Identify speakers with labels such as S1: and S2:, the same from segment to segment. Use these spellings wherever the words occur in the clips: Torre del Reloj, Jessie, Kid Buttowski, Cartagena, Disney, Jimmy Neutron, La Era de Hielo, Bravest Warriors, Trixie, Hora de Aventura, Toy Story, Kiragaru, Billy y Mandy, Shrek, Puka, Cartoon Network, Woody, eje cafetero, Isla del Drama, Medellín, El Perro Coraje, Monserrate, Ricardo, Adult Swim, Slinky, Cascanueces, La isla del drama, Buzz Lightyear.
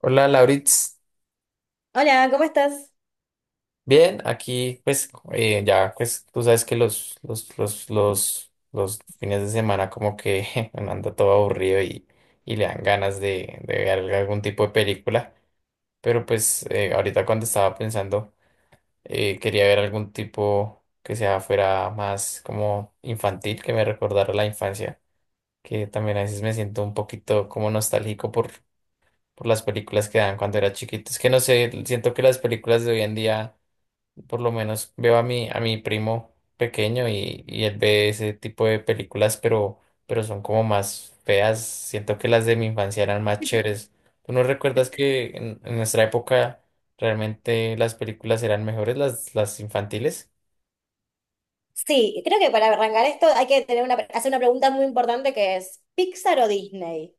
S1: Hola, Lauritz.
S2: Hola, ¿cómo estás?
S1: Bien, aquí pues ya pues tú sabes que los fines de semana como que uno anda todo aburrido y le dan ganas de ver algún tipo de película. Pero pues ahorita cuando estaba pensando quería ver algún tipo que sea fuera más como infantil, que me recordara la infancia, que también a veces me siento un poquito como nostálgico por las películas que dan cuando era chiquito. Es que no sé, siento que las películas de hoy en día. Por lo menos veo a mi primo pequeño y él ve ese tipo de películas, pero son como más feas. Siento que las de mi infancia eran más chéveres. ¿Tú no recuerdas que en nuestra época realmente las películas eran mejores, las infantiles?
S2: Sí, creo que para arrancar esto hay que tener una, hacer una pregunta muy importante que es, ¿Pixar o Disney?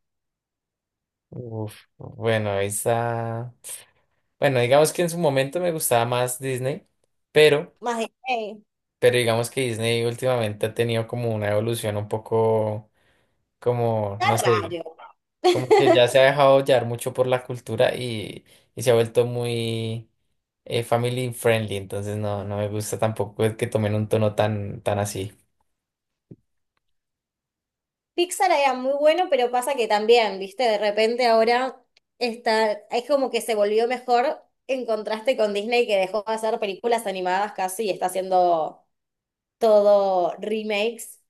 S1: Uf, bueno, esa... Bueno, digamos que en su momento me gustaba más Disney, pero,
S2: Más Disney.
S1: pero digamos que Disney últimamente ha tenido como una evolución un poco como,
S2: Está
S1: no sé.
S2: raro.
S1: Como que ya se ha dejado llevar mucho por la cultura y se ha vuelto muy family friendly, entonces no, no me gusta tampoco el que tomen un tono tan, tan así.
S2: Pixar era muy bueno, pero pasa que también, viste, de repente ahora está, es como que se volvió mejor en contraste con Disney que dejó de hacer películas animadas casi y está haciendo todo remakes,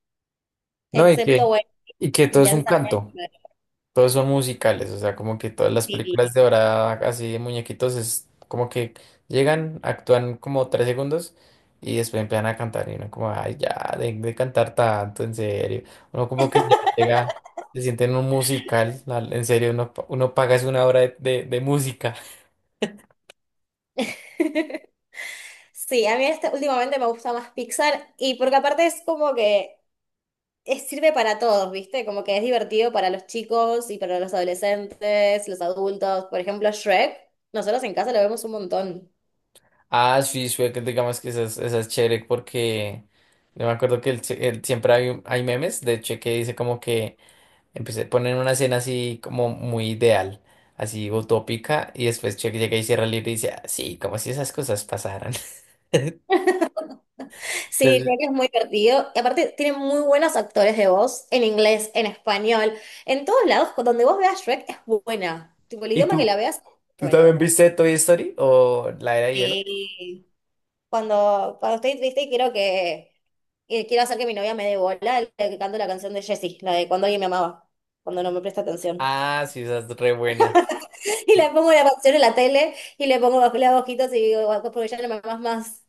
S1: No,
S2: excepto, bueno,
S1: y que todo es un
S2: intensamente.
S1: canto. Todos son musicales, o sea, como que todas las películas
S2: Sí.
S1: de ahora, así de muñequitos, es como que llegan, actúan como 3 segundos y después empiezan a cantar. Y uno, como, ay, ya, de cantar tanto, en serio. Uno, como que ya llega, se siente en un musical, en serio, uno, uno paga es una hora de música.
S2: Sí, a mí últimamente me gusta más Pixar y porque aparte es como que sirve para todos, ¿viste? Como que es divertido para los chicos y para los adolescentes, los adultos. Por ejemplo, Shrek, nosotros en casa lo vemos un montón.
S1: Ah, sí, sí, que digamos que esa es chévere porque yo me acuerdo que siempre hay memes, de hecho, que dice como que. Empecé, ponen una escena así como muy ideal, así utópica, y después Chuck llega y cierra el libro y dice, "Ah, sí, como si esas cosas pasaran."
S2: Sí,
S1: Entonces,
S2: Shrek es muy divertido y aparte tiene muy buenos actores de voz en inglés, en español, en todos lados, donde vos veas Shrek es buena. Tipo, el
S1: ¿y
S2: idioma que la
S1: tú?
S2: veas es
S1: ¿Tú también
S2: buena.
S1: viste Toy Story o La Era de Hielo?
S2: Sí. Cuando estoy triste quiero que, quiero hacer que mi novia me dé bola, le canto la canción de Jessie, la de cuando alguien me amaba, cuando no me presta atención.
S1: Ah, sí, esa es re buena.
S2: Y le
S1: Sí.
S2: pongo la canción en la tele y le pongo bajo las hojitas y digo, "Guau, porque ya no me amas más".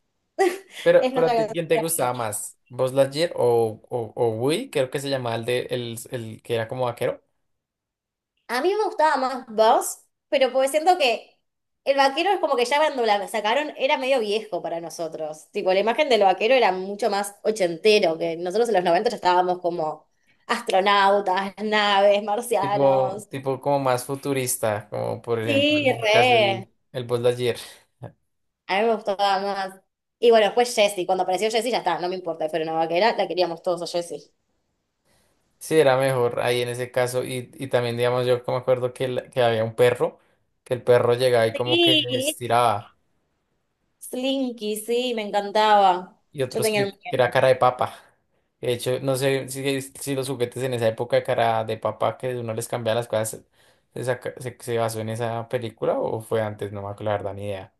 S2: Es
S1: Pero
S2: nuestra
S1: a ti,
S2: canción
S1: ¿quién te gustaba
S2: favorita.
S1: más? ¿Buzz Lightyear o Woody? Creo que se llamaba el que era como vaquero.
S2: A mí me gustaba más Buzz, pero porque siento que el vaquero es como que ya cuando la sacaron era medio viejo para nosotros. Tipo, la imagen del vaquero era mucho más ochentero, que nosotros en los 90 ya estábamos como astronautas, naves,
S1: Tipo,
S2: marcianos.
S1: tipo como más futurista, como por ejemplo, en
S2: Sí,
S1: este caso
S2: re.
S1: el Buzz Lightyear.
S2: A mí me gustaba más. Y bueno, después Jessie. Cuando apareció Jessie, ya está, no me importa. Pero una vaquera, la queríamos todos a Jessie.
S1: Sí, era mejor ahí en ese caso. Y también, digamos, yo como me acuerdo que había un perro, que el perro llegaba y como que se
S2: Sí.
S1: estiraba,
S2: Slinky, sí, me encantaba.
S1: y
S2: Yo
S1: otros
S2: tenía el
S1: que era
S2: muñeco.
S1: cara de papa. De hecho, no sé si los juguetes en esa época de cara de papa, que uno les cambiaba las cosas, se basó en esa película o fue antes, no me acuerdo, la verdad, ni idea.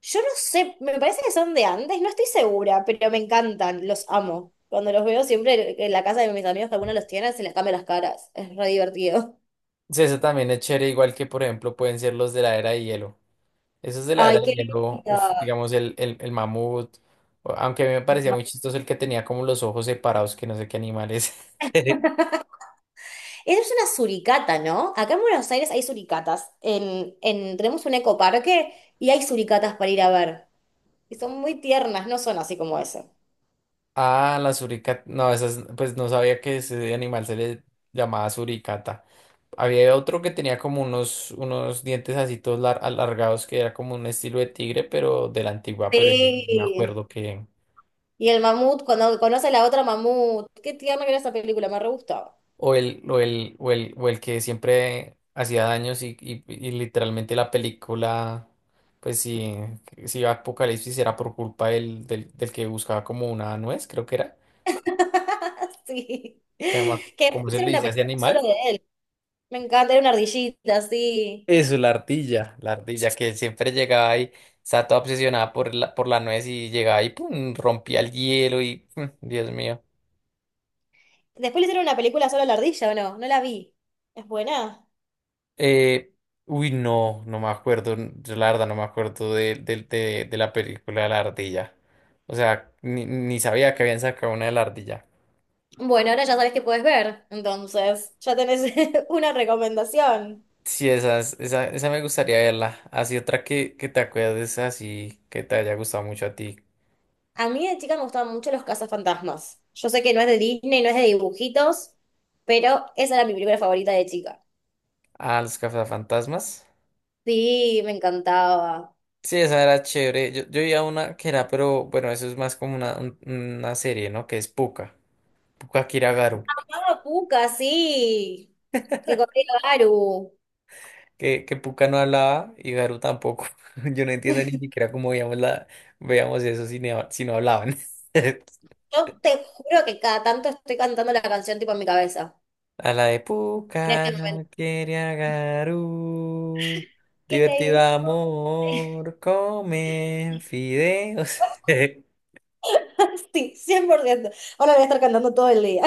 S2: Yo no sé, me parece que son de antes, no estoy segura, pero me encantan, los amo. Cuando los veo siempre en la casa de mis amigos, que alguno los tiene, se les cambia las caras. Es re divertido.
S1: Sí, eso también es chévere, igual que, por ejemplo, pueden ser los de la era de hielo. Eso es de la era
S2: Ay,
S1: de
S2: qué
S1: hielo,
S2: lindo.
S1: uf, digamos el mamut, o- aunque a mí me parecía muy chistoso el que tenía como los ojos separados, que no sé qué animal es.
S2: Esa es una suricata, ¿no? Acá en Buenos Aires hay suricatas. Tenemos un ecoparque y hay suricatas para ir a ver. Y son muy tiernas, no son así como eso.
S1: Ah, la suricata, no, esas, pues no sabía que ese animal se le llamaba suricata. Había otro que tenía como unos dientes así todos alargados, que era como un estilo de tigre, pero de la antigua, pero ese sí no me
S2: Sí.
S1: acuerdo que...
S2: Y el mamut, cuando conoce a la otra mamut. Qué tierna que era esa película, me re gustaba.
S1: O o el que siempre hacía daños y y- literalmente la película, pues si, si iba a Apocalipsis era por culpa del que buscaba como una nuez, creo que era,
S2: Sí.
S1: que no
S2: Que después
S1: ¿cómo se le
S2: hicieron una
S1: dice a ese
S2: película solo
S1: animal?
S2: de él. Me encanta, era una ardillita, sí.
S1: Eso, la ardilla. La ardilla que siempre llegaba y estaba toda obsesionada por por la nuez y llegaba y pum, rompía el hielo y, mm, Dios mío.
S2: Después le hicieron una película solo a la ardilla, ¿o no? No la vi. ¿Es buena?
S1: Eh, Uy, no, no me acuerdo, yo la verdad no me acuerdo de la película de la ardilla. O sea, ni, ni sabía que habían sacado una de la ardilla.
S2: Bueno, ahora ya sabes que puedes ver. Entonces, ya tenés una recomendación.
S1: Sí, esa me gustaría verla. Así otra que te acuerdes así, que te haya gustado mucho a ti.
S2: A mí de chica me gustaban mucho los cazafantasmas. Yo sé que no es de Disney, no es de dibujitos, pero esa era mi primera favorita de chica.
S1: A los cazafantasmas.
S2: Sí, me encantaba.
S1: Sí, esa era chévere. Yo vi a una que era, pero bueno, eso es más como una, una serie, ¿no? Que es Puka. Puka Kiragaru.
S2: Amaba Puka, sí. Que corría Garu.
S1: Que Puka no hablaba y Garu tampoco. Yo no entiendo ni siquiera cómo veíamos eso si no, si no hablaban.
S2: Yo te juro que cada tanto estoy cantando la canción tipo en mi cabeza.
S1: A la de
S2: En
S1: Puka
S2: este momento.
S1: quiere a Garu, divertido
S2: Increíble.
S1: amor, comen fideos.
S2: Sí, 100%. Ahora voy a estar cantando todo el día.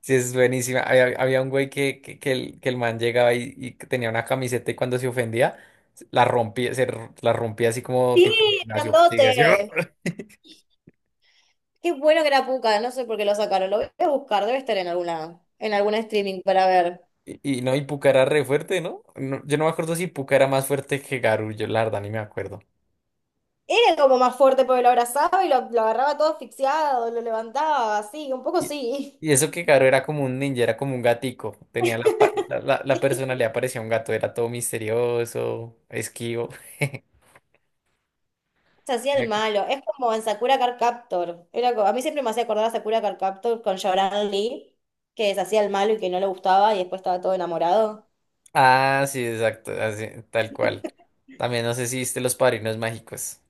S1: Sí, es buenísima. Había un güey que el man llegaba y que tenía una camiseta y cuando se ofendía, la rompía, la rompía así como
S2: Sí,
S1: tipo gimnasio. Sí, así.
S2: grandote. Qué bueno que era Puka, no sé por qué lo sacaron. Lo voy a buscar, debe estar en alguna, en algún streaming para ver.
S1: Y no, y Pucará re fuerte, ¿no? No, yo no me acuerdo si Pucará era más fuerte que Garú, yo la verdad ni me acuerdo.
S2: Era como más fuerte porque lo abrazaba y lo agarraba todo asfixiado, lo levantaba, así, un poco
S1: Y,
S2: sí.
S1: y eso que Garú era como un ninja, era como un gatico, tenía la, pa- la- la personalidad parecía un gato, era todo misterioso, esquivo.
S2: Se hacía el
S1: Ok.
S2: malo. Es como en Sakura Card Captor. Era, a mí siempre me hacía acordar a Sakura Card Captor con Shaoran Lee, que se hacía el malo y que no le gustaba y después estaba todo enamorado.
S1: Ah, sí, exacto, así, tal cual. También no sé si viste Los Padrinos Mágicos.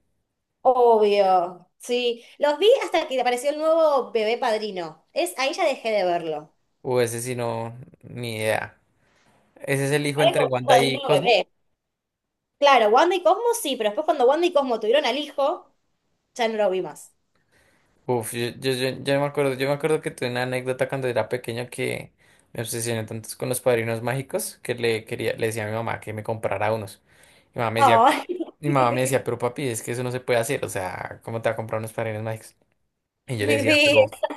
S2: Obvio, sí. Los vi hasta que apareció el nuevo bebé padrino. Es, ahí ya dejé de verlo.
S1: O ese sí no, ni idea. Ese es el hijo
S2: Ahora
S1: entre
S2: como un
S1: Wanda y
S2: padrino
S1: Cosmo.
S2: bebé. Claro, Wanda y Cosmo sí, pero después cuando Wanda y Cosmo tuvieron al hijo, ya no lo vi más.
S1: Uf, yo no me acuerdo, yo me acuerdo que tuve una anécdota cuando era pequeño que me obsesioné tanto con los padrinos mágicos que le quería, le decía a mi mamá que me comprara unos. Mi mamá me decía,
S2: Ay.
S1: Mi mamá me decía, pero papi, es que eso no se puede hacer, o sea, ¿cómo te va a comprar unos padrinos mágicos? Y yo le
S2: Mi
S1: decía, pero
S2: vida,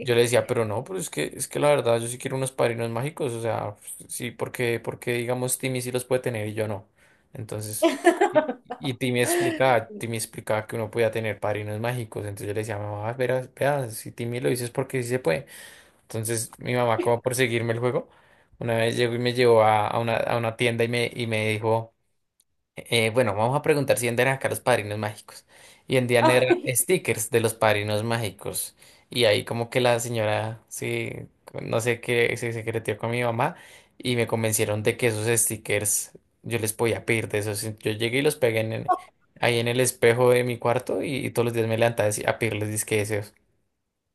S1: yo le decía, pero no, pero es que la verdad, yo sí quiero unos padrinos mágicos, o sea, pues, sí, porque, porque digamos, Timmy sí los puede tener y yo no. Entonces, y, y Timmy explicaba que uno podía tener padrinos mágicos, entonces yo le decía, mamá, verás, vea, si Timmy lo dice es porque sí se puede. Entonces, mi mamá, como por seguirme el juego, una vez llegó y me llevó a una tienda y me dijo... bueno, vamos a preguntar si antes eran acá los padrinos mágicos. Y en Diana eran
S2: Ay,
S1: stickers de los padrinos mágicos. Y ahí como que la señora, sí, no sé qué, se secretió con mi mamá y me convencieron de que esos stickers yo les podía pedir de esos. Yo llegué y los pegué en,
S2: no,
S1: ahí en el espejo de mi cuarto y, todos los días me levantaba a pedirles disque deseos.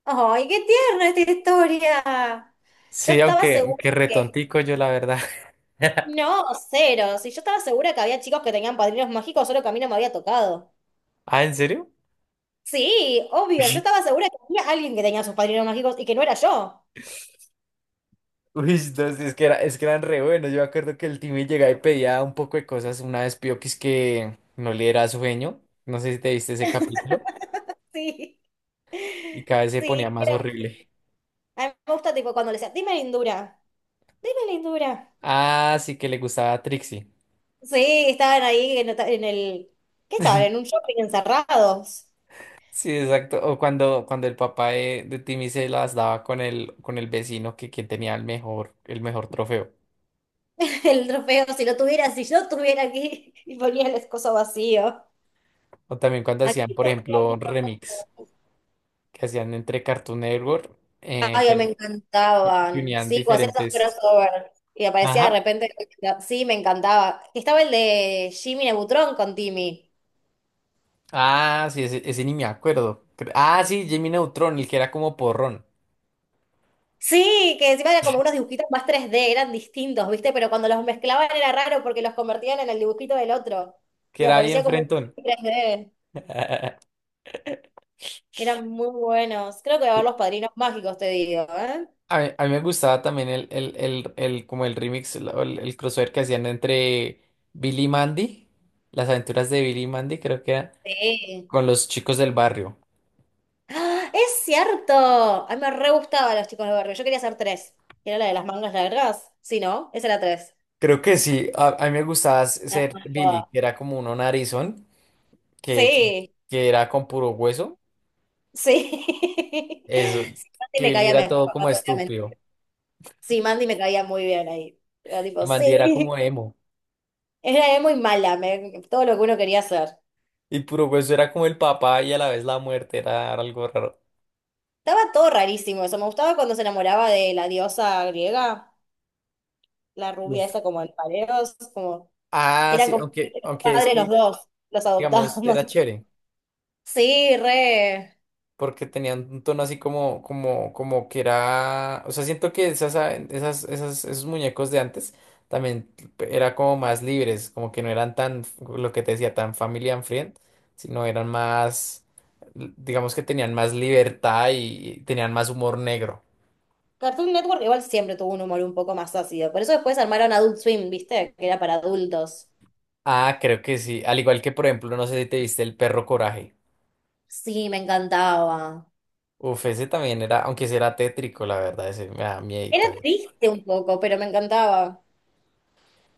S2: ay, qué tierna esta historia. Yo
S1: Sí,
S2: estaba
S1: aunque,
S2: segura
S1: aunque
S2: que...
S1: retontico yo la verdad.
S2: No, cero. Si yo estaba segura que había chicos que tenían padrinos mágicos, solo que a mí no me había tocado.
S1: Ah, ¿en serio?
S2: Sí, obvio. Yo estaba segura que había alguien que tenía sus padrinos mágicos y que no era yo.
S1: Uy, entonces es que, era, es que eran re buenos. Yo me acuerdo que el Timmy llegaba y pedía un poco de cosas. Una vez pidió que es que no le era sueño. No sé si te viste ese capítulo.
S2: Sí,
S1: Y cada vez se
S2: sí.
S1: ponía más
S2: Era...
S1: horrible.
S2: A mí me gusta tipo cuando le decía, dime lindura.
S1: Ah, sí que le gustaba a Trixie.
S2: Sí, estaban ahí en el... ¿Qué estaban? En un shopping encerrados.
S1: Sí, exacto. O cuando, cuando el papá de Timmy se las daba con el vecino que quien tenía el mejor trofeo.
S2: El trofeo, si lo tuviera, si yo estuviera aquí y ponía el escozo vacío.
S1: O también cuando hacían,
S2: Aquí
S1: por
S2: ponía
S1: ejemplo,
S2: mi
S1: remix
S2: trofeo.
S1: que hacían entre Cartoon Network, eh,
S2: Ay, me
S1: que que
S2: encantaban.
S1: unían
S2: Sí, cuando hacía esos
S1: diferentes.
S2: crossover y aparecía de
S1: Ajá.
S2: repente. Sí, me encantaba. Estaba el de Jimmy Neutron con Timmy.
S1: Ah, sí, ese ni me acuerdo. Cre- Ah, sí, Jimmy Neutron, el que era como porrón,
S2: Sí, que encima eran como unos dibujitos más 3D, eran distintos, ¿viste? Pero cuando los mezclaban era raro porque los convertían en el dibujito del otro.
S1: que
S2: Y
S1: era bien
S2: aparecía como
S1: frentón.
S2: un 3D. Eran muy buenos. Creo que va a haber los padrinos mágicos, te digo, ¿eh?
S1: A mí me gustaba también como el remix, el crossover que hacían entre Billy y Mandy, las aventuras de Billy y Mandy, creo que era,
S2: Sí.
S1: con los chicos del barrio.
S2: ¡Ah! ¡Es cierto! A mí me re gustaban los chicos del barrio. Yo quería hacer tres, que era la de las mangas largas. Sí, ¿no? Esa era tres.
S1: Creo que sí, a mí me gustaba
S2: La
S1: ser
S2: más
S1: Billy,
S2: guapa.
S1: que era como uno narizón, que, que
S2: Sí,
S1: que era con puro hueso.
S2: sí.
S1: Eso,
S2: Sí, Mandy
S1: que
S2: me
S1: Billy
S2: caía
S1: era
S2: mejor,
S1: todo como
S2: no te voy a mentir.
S1: estúpido
S2: Sí, Mandy me caía muy bien ahí. Yo
S1: y
S2: tipo,
S1: Mandy era
S2: sí.
S1: como emo.
S2: Era muy mala, todo lo que uno quería hacer.
S1: Y puro hueso era como el papá y a la vez la muerte, era algo raro.
S2: Estaba todo rarísimo eso. Me gustaba cuando se enamoraba de la diosa griega, la rubia
S1: Uf.
S2: esa como en pareos, como que
S1: Ah,
S2: eran
S1: sí,
S2: como
S1: aunque,
S2: los
S1: aunque es
S2: padres los
S1: que,
S2: dos, los adoptados.
S1: digamos, era chévere,
S2: Sí, re.
S1: porque tenían un tono así como, como, como que era, o sea, siento que esas, a- esas, esas, esos muñecos de antes también era como más libres, como que no eran tan, lo que te decía, tan family and friend, sino eran más, digamos que tenían más libertad y tenían más humor negro.
S2: Cartoon Network igual siempre tuvo un humor un poco más ácido. Por eso después armaron Adult Swim, ¿viste? Que era para adultos.
S1: Ah, creo que sí, al igual que, por ejemplo, no sé si te viste El Perro Coraje.
S2: Sí, me encantaba.
S1: Uf, ese también era, aunque ese era tétrico, la verdad, ese me da miedo y
S2: Era
S1: tal.
S2: triste un poco, pero me encantaba.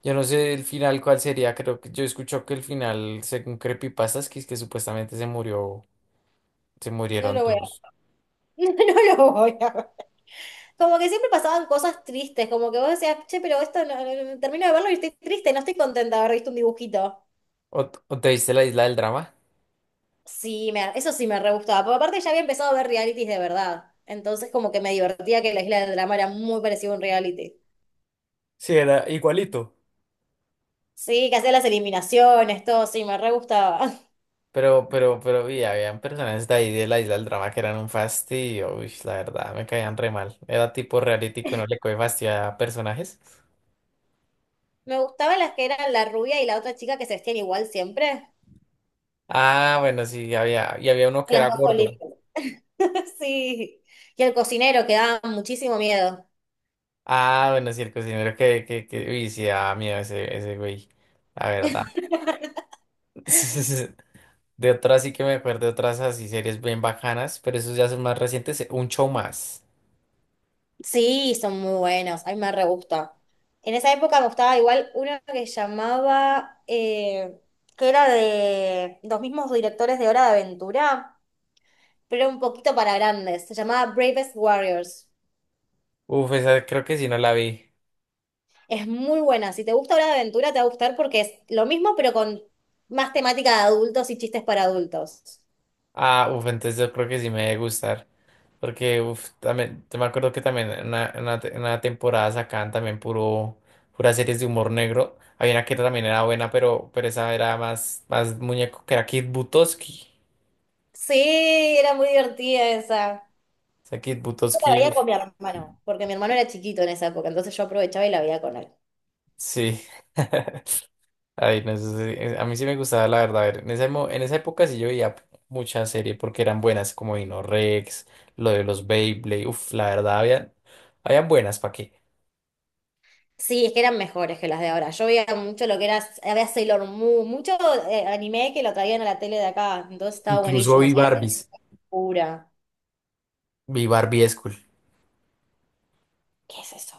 S1: Yo no sé el final cuál sería, creo que yo escucho que el final, según Creepypastas, que es que supuestamente se murió, se
S2: No
S1: murieron
S2: lo voy a...
S1: todos.
S2: No lo voy a ver. Como que siempre pasaban cosas tristes, como que vos decías, che, pero esto no, termino de verlo y estoy triste, no estoy contenta de haber visto un dibujito.
S1: ¿O, o te viste la isla del drama?
S2: Sí, me, eso sí me re gustaba, porque aparte ya había empezado a ver realities de verdad. Entonces como que me divertía que la Isla del Drama era muy parecido a un reality.
S1: Sí, era igualito.
S2: Sí, que hacía las eliminaciones, todo, sí, me re gustaba.
S1: Pero y habían personas de ahí de la isla del drama que eran un fastidio, uy, la verdad, me caían re mal. Era tipo reality que uno le coge fastidio a personajes.
S2: Me gustaban las que eran la rubia y la otra chica que se vestían igual siempre.
S1: Ah, bueno, sí, había, y había uno que
S2: Las
S1: era
S2: dos
S1: gordo.
S2: solitas. Sí. Y el cocinero, que daba muchísimo miedo.
S1: Ah, bueno, sí, el cocinero que, uy, sí, ah, miedo ese, ese güey, la verdad. De otras sí que me acuerdo, de otras así series bien bacanas, pero esos ya son más recientes, un show más.
S2: Sí, son muy buenos, a mí me re gusta. En esa época me gustaba igual uno que llamaba, que era de los mismos directores de Hora de Aventura, pero era un poquito para grandes. Se llamaba Bravest Warriors.
S1: Uf, esa creo que sí no la vi.
S2: Es muy buena. Si te gusta Hora de Aventura, te va a gustar porque es lo mismo, pero con más temática de adultos y chistes para adultos.
S1: Ah, uf, entonces yo creo que sí me debe gustar, porque uf, también, yo me acuerdo que también en una, en una temporada sacaban también puras series de humor negro. Había una que también era buena, pero esa era más, más muñeco, que era Kid Buttowski.
S2: Sí, era muy divertida esa.
S1: O sea, Kid
S2: Yo la
S1: Butowski.
S2: veía con mi hermano, porque mi hermano era chiquito en esa época, entonces yo aprovechaba y la veía con él.
S1: Sí. Ay, no sé, a mí sí me gustaba, la verdad. A ver, en esa época sí yo veía muchas series porque eran buenas, como Dino Rex, lo de los Beyblade. Uf, la verdad, habían buenas, ¿para qué?
S2: Sí, es que eran mejores que las de ahora. Yo veía mucho lo que era, había Sailor Moon, mucho anime que lo traían a la tele de acá, entonces estaba
S1: Incluso
S2: buenísimo.
S1: vi
S2: Sailor Moon
S1: Barbies.
S2: pura.
S1: Vi Barbie School.
S2: ¿Qué es eso?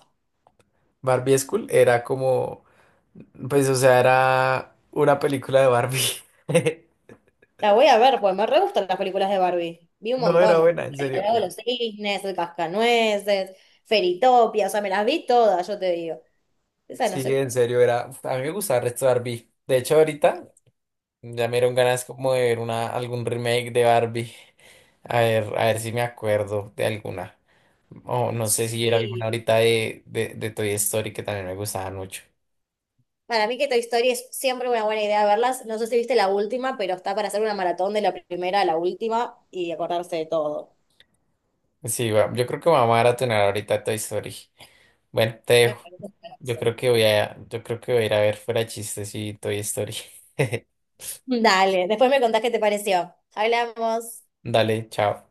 S1: Barbie School era como. Pues, o sea, era una película de Barbie.
S2: La voy a ver, pues me re gustan las películas de Barbie. Vi un
S1: No era
S2: montón.
S1: buena, en
S2: El
S1: serio.
S2: Lago de los Cisnes, el Cascanueces, Feritopia, o sea, me las vi todas, yo te digo. Esa no
S1: Sí,
S2: sé.
S1: en serio, era. A mí me gustaba el resto de Barbie. De hecho, ahorita. Ya me dieron ganas como de ver una, algún remake de Barbie. A ver si me acuerdo de alguna. O no sé si era alguna
S2: Sí.
S1: ahorita de Toy Story que también me gustaban mucho.
S2: Para mí que Toy Story es siempre una buena idea verlas. No sé si viste la última, pero está para hacer una maratón de la primera a la última y acordarse de todo.
S1: Sí, yo creo que vamos a maratonear ahorita Toy Story. Bueno, te
S2: Me
S1: dejo.
S2: parece un pedazo.
S1: Yo creo que voy a ir a ver fuera de chistes y Toy Story.
S2: Dale, después me contás qué te pareció. Hablamos.
S1: Dale, chao.